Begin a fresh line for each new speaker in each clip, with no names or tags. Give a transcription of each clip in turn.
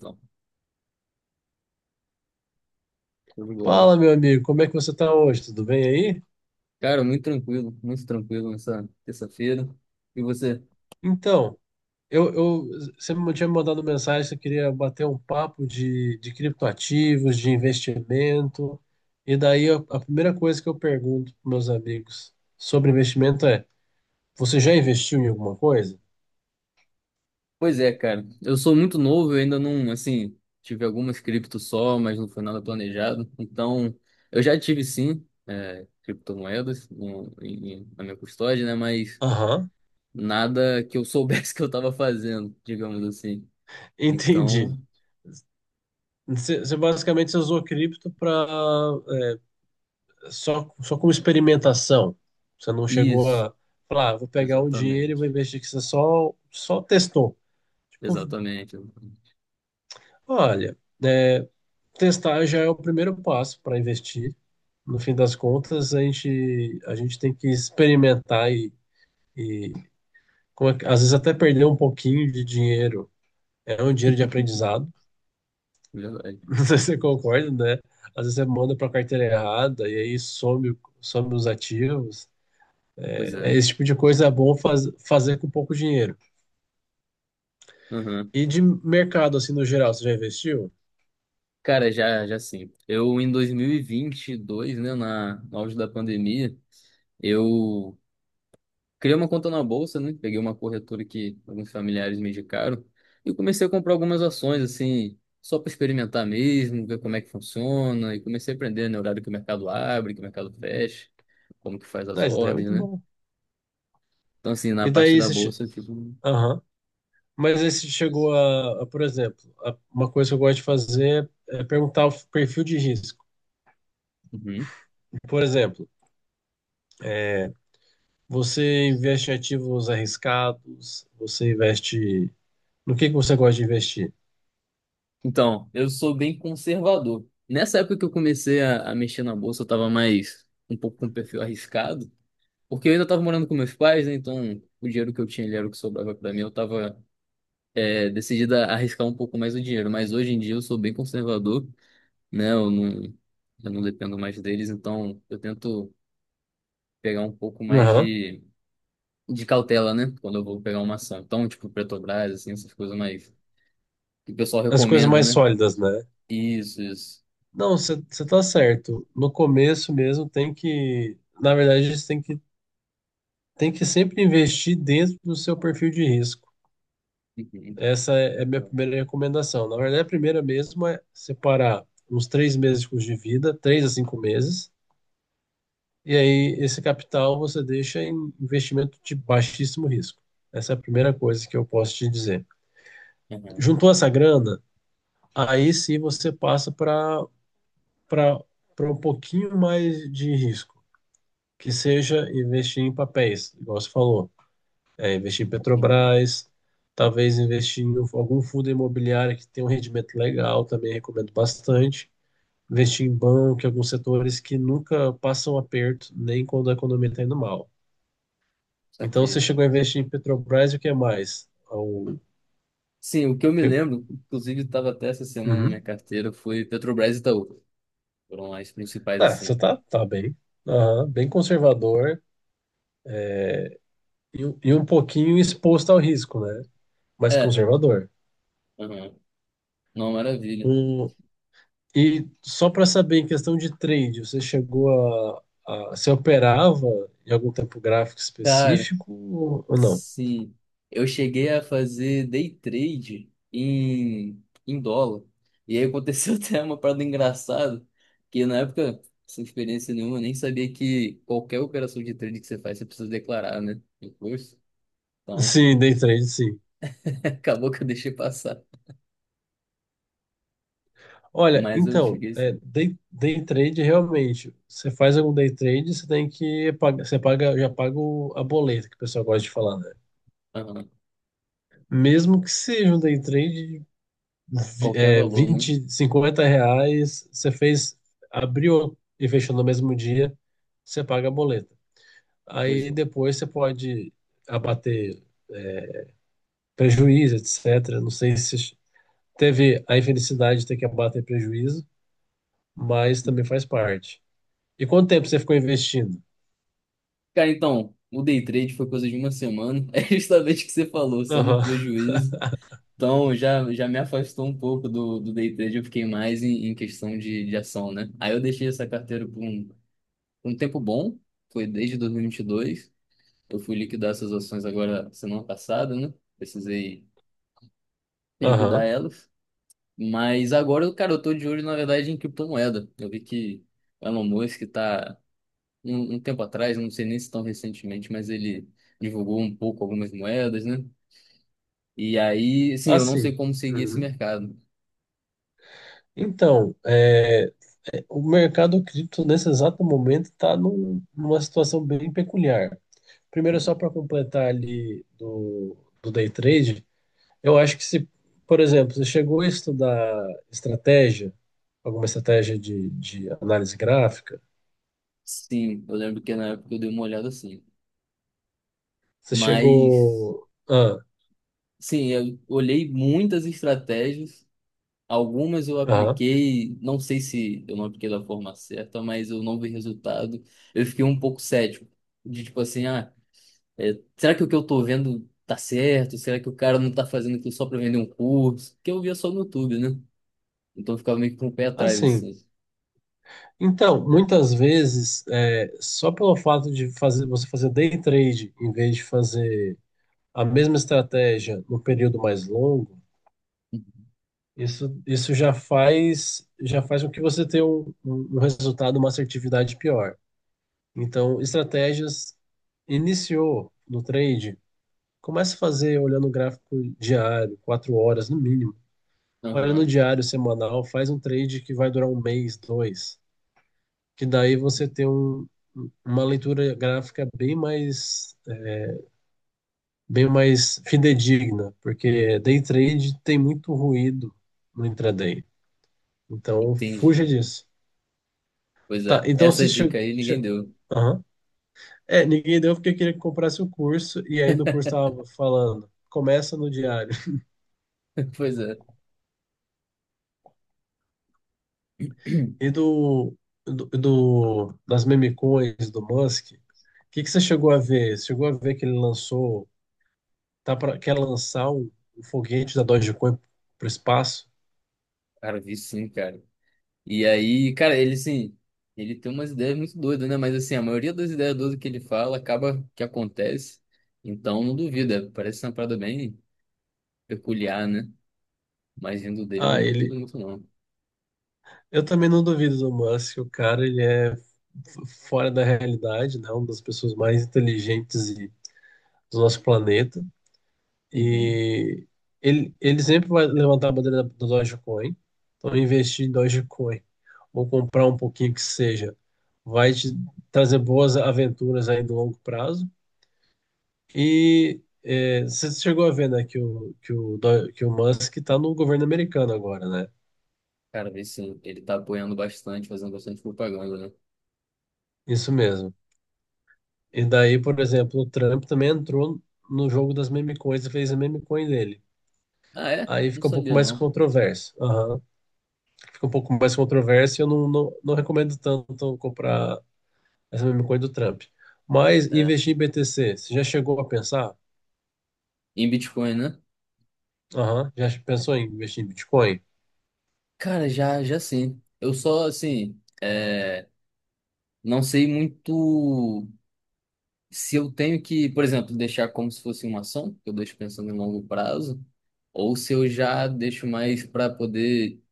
Não, show de bola.
Fala, meu amigo, como é que você tá hoje? Tudo bem aí?
Cara, muito tranquilo nessa terça-feira. E você?
Então, eu, eu, você me tinha me mandado mensagem, você queria bater um papo de criptoativos, de investimento, e daí a primeira coisa que eu pergunto para meus amigos sobre investimento é: você já investiu em alguma coisa?
Pois é, cara. Eu sou muito novo, eu ainda não, assim, tive algumas criptos só, mas não foi nada planejado. Então, eu já tive sim, é, criptomoedas na minha custódia, né? Mas
Aham.
nada que eu soubesse que eu estava fazendo, digamos assim.
Entendi.
Então,
Você basicamente você usou cripto para só como experimentação. Você não chegou
isso,
a falar, "Ah, vou pegar um dinheiro e
exatamente.
vou investir", que você só testou. Tipo,
Exatamente.
olha, é, testar já é o primeiro passo para investir. No fim das contas, a gente tem que experimentar e às vezes até perder um pouquinho de dinheiro. É um dinheiro de aprendizado,
Verdade.
não sei se você concorda, né? Às vezes você manda para a carteira errada e aí some, some os ativos.
Pois
É,
é.
esse tipo de coisa é bom fazer com pouco dinheiro.
Aham.
E de mercado, assim, no geral, você já investiu?
Cara, já, já sim. Eu, em dois mil e vinte e dois, né, no auge da pandemia, eu criei uma conta na bolsa, né? Peguei uma corretora que alguns familiares me indicaram e comecei a comprar algumas ações, assim, só para experimentar mesmo, ver como é que funciona. E comecei a aprender, né, o horário que o mercado abre, que o mercado fecha, como que faz as
Não, isso daí é
ordens,
muito
né?
bom.
Então, assim, na
E
parte
daí
da
você... che-
bolsa, tipo.
Mas aí você chegou por exemplo, uma coisa que eu gosto de fazer é perguntar o perfil de risco.
Uhum.
Por exemplo, é, você investe em ativos arriscados, você investe. No que você gosta de investir?
Então, eu sou bem conservador. Nessa época que eu comecei a mexer na bolsa, eu tava mais um pouco com perfil arriscado. Porque eu ainda estava morando com meus pais, né? Então o dinheiro que eu tinha ali era o que sobrava para mim. Eu estava decidido a arriscar um pouco mais o dinheiro. Mas hoje em dia eu sou bem conservador, né? Eu não dependo mais deles, então eu tento pegar um pouco mais
Aham.
de, cautela, né? Quando eu vou pegar uma ação. Então, tipo, Petrobras, assim, essas coisas mais que o pessoal
As coisas
recomenda,
mais
né?
sólidas, né?
Isso, isso.
Não, você tá certo. No começo mesmo tem que. Na verdade, você tem que sempre investir dentro do seu perfil de risco.
Uhum.
Essa é é a minha
Então,
primeira recomendação. Na verdade, a primeira mesmo é separar uns três meses de custo de vida, três a cinco meses, e aí esse capital você deixa em investimento de baixíssimo risco. Essa é a primeira coisa que eu posso te dizer.
uhum,
Juntou essa grana, aí sim você passa para para um pouquinho mais de risco, que seja investir em papéis, igual você falou. É, investir em
entendi.
Petrobras, talvez investir em algum fundo imobiliário que tem um rendimento legal, também recomendo bastante. Investir em banco, em alguns setores que nunca passam aperto, nem quando a economia está indo mal. Então você
Saquei.
chegou a investir em Petrobras e o que mais?
Sim, o que eu me
Que...
lembro, inclusive estava até essa semana na minha
Uhum.
carteira, foi Petrobras e Itaú. Foram as principais,
Ah, você
assim.
tá, tá bem, aham, bem conservador e, e um pouquinho exposto ao risco, né? Mas
É,
conservador.
aham. Não, maravilha.
Um, E só para saber, em questão de trade, você chegou a você operava em algum tempo gráfico
Cara,
específico ou não?
sim. Eu cheguei a fazer day trade em dólar. E aí aconteceu até uma parada engraçada, que na época, sem experiência nenhuma, eu nem sabia que qualquer operação de trade que você faz, você precisa declarar, né? Imposto. Então,
Sim, day trade, sim.
acabou que eu deixei passar.
Olha,
Mas eu
então,
cheguei assim.
day trade realmente, você faz algum day trade, você tem que pagar, você paga, já paga a boleta que o pessoal gosta de falar, né?
Aham.
Mesmo que seja um day trade,
Qualquer valor, né?
20, R$ 50, você fez, abriu e fechou no mesmo dia, você paga a boleta.
Pois
Aí
é.
depois você pode abater prejuízo, etc. Não sei se teve a infelicidade de ter que abater prejuízo, mas também faz parte. E quanto tempo você ficou investindo?
Cara, então, o day trade foi coisa de uma semana. É justamente o que você falou, sai no
Aham,
prejuízo. Então, já, já me afastou um pouco do day trade. Eu fiquei mais em, questão de ação, né? Aí eu deixei essa carteira por um tempo bom, foi desde 2022. Eu fui liquidar essas ações agora semana passada, né? Precisei liquidar
aham.
elas. Mas agora, cara, eu tô de olho, na verdade, em criptomoeda. Eu vi que o Elon Musk tá um tempo atrás, não sei nem se tão recentemente, mas ele divulgou um pouco algumas moedas, né? E aí, assim, eu não sei
Assim.
como seguir esse
Uhum.
mercado.
Então, o mercado cripto nesse exato momento está numa situação bem peculiar. Primeiro, só
Uhum.
para completar ali do day trade, eu acho que se, por exemplo, você chegou a estudar estratégia, alguma estratégia de análise gráfica,
Sim, eu lembro que na época eu dei uma olhada assim.
você
Mas,
chegou. Ah,
sim, eu olhei muitas estratégias. Algumas eu
aham.
apliquei, não sei se eu não apliquei da forma certa, mas eu não vi resultado. Eu fiquei um pouco cético, de tipo assim, ah, é, será que o que eu tô vendo tá certo? Será que o cara não tá fazendo aquilo só pra vender um curso? Que eu via só no YouTube, né? Então eu ficava meio que com o pé atrás,
Assim.
assim.
Então, muitas vezes, só pelo fato de fazer, você fazer day trade em vez de fazer a mesma estratégia no período mais longo, isso já faz com que você tenha um, um resultado, uma assertividade pior. Então, estratégias iniciou no trade, começa a fazer olhando o gráfico diário, quatro horas no mínimo. Olha no
Aham,
diário semanal, faz um trade que vai durar um mês, dois. Que daí você tem um, uma leitura gráfica bem mais fidedigna, porque day trade tem muito ruído no intraday. Então, fuja
entendi.
disso.
Pois
Tá,
é,
então
essa
se che...
dica aí ninguém
che-
deu.
Aham. É, ninguém deu porque queria que comprasse o curso, e aí no curso tava falando, começa no diário.
Pois é,
E das meme coins do Musk, que você chegou a ver? Você chegou a ver que ele lançou, quer lançar o foguete da Dogecoin para o espaço?
cara, vi sim, cara. E aí, cara, ele assim, ele tem umas ideias muito doidas, né? Mas assim, a maioria das ideias doidas que ele fala acaba que acontece. Então não duvida, parece uma parada bem peculiar, né? Mas vindo dele eu
Ah,
não duvido
ele.
muito, não.
Eu também não duvido do Musk, o cara ele é fora da realidade, né? Uma das pessoas mais inteligentes do nosso planeta.
Uhum.
E ele sempre vai levantar a bandeira do Dogecoin. Então, investir em Dogecoin ou comprar um pouquinho que seja vai te trazer boas aventuras aí no longo prazo. E é, você chegou a ver, né, que o Musk está no governo americano agora, né?
Cara, vi sim, ele tá apoiando bastante, fazendo bastante propaganda, né?
Isso mesmo. E daí, por exemplo, o Trump também entrou no jogo das meme coins e fez a meme coin dele.
Ah, é?
Aí
Não
fica um pouco
sabia,
mais
não.
controverso. Aham. Fica um pouco mais controverso e eu não recomendo tanto comprar essa mesma coisa do Trump. Mas
É.
investir em BTC, você já chegou a pensar?
Em Bitcoin, né?
Aham, já pensou em investir em Bitcoin?
Cara, já, já sim. Eu só, assim, é, não sei muito se eu tenho que, por exemplo, deixar como se fosse uma ação, que eu deixo pensando em longo prazo, ou se eu já deixo mais para poder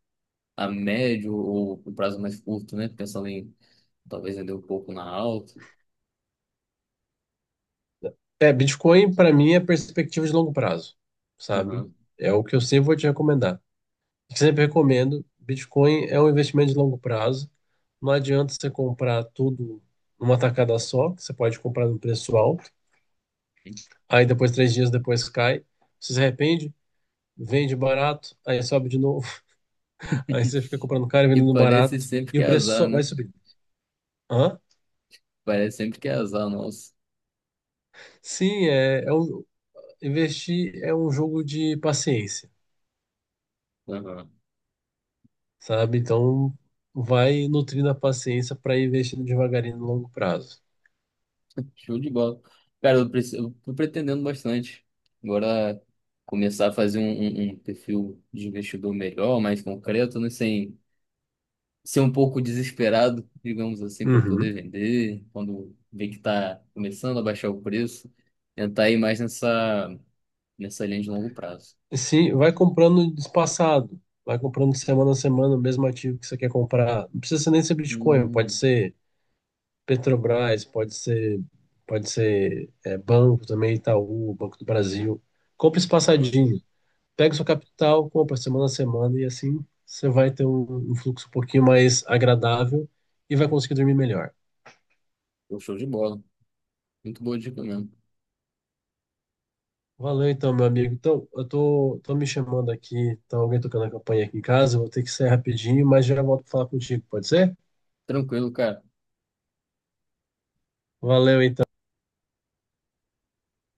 a médio ou um prazo mais curto, né? Pensando em talvez vender um pouco na alta.
É, Bitcoin para mim é perspectiva de longo prazo, sabe?
Uhum.
É o que eu sempre vou te recomendar. Sempre recomendo, Bitcoin é um investimento de longo prazo. Não adianta você comprar tudo numa tacada só, que você pode comprar num preço alto, aí depois, três dias depois cai, você se arrepende, vende barato, aí sobe de novo. Aí você fica comprando caro e
E
vendendo
parece
barato
sempre
e
que
o
é
preço
azar,
só
né?
vai subindo. Hã?
Parece sempre que é azar, nossa.
Sim, é, é um, investir é um jogo de paciência, sabe? Então vai nutrindo a paciência para ir investindo devagarinho no longo prazo.
Show de bola. Cara, eu, eu tô pretendendo bastante. Agora começar a fazer um, um perfil de investidor melhor, mais concreto, né? Sem ser um pouco desesperado, digamos assim, para poder
Uhum.
vender. Quando vê que tá começando a baixar o preço, tentar ir mais nessa, nessa linha de longo prazo.
Sim, vai comprando espaçado, vai comprando semana a semana o mesmo ativo que você quer comprar. Não precisa ser nem ser Bitcoin, pode
Hum,
ser Petrobras, pode ser banco também, Itaú, Banco do Brasil. Compra
uhum.
espaçadinho. Pega sua capital, compra semana a semana e assim você vai ter um, um fluxo um pouquinho mais agradável e vai conseguir dormir melhor.
Pô, show de bola. Muito boa dica mesmo.
Valeu então, meu amigo. Então, tô me chamando aqui, tá alguém tocando a campanha aqui em casa, eu vou ter que sair rapidinho, mas já volto pra falar contigo, pode ser?
Tranquilo, cara.
Valeu então.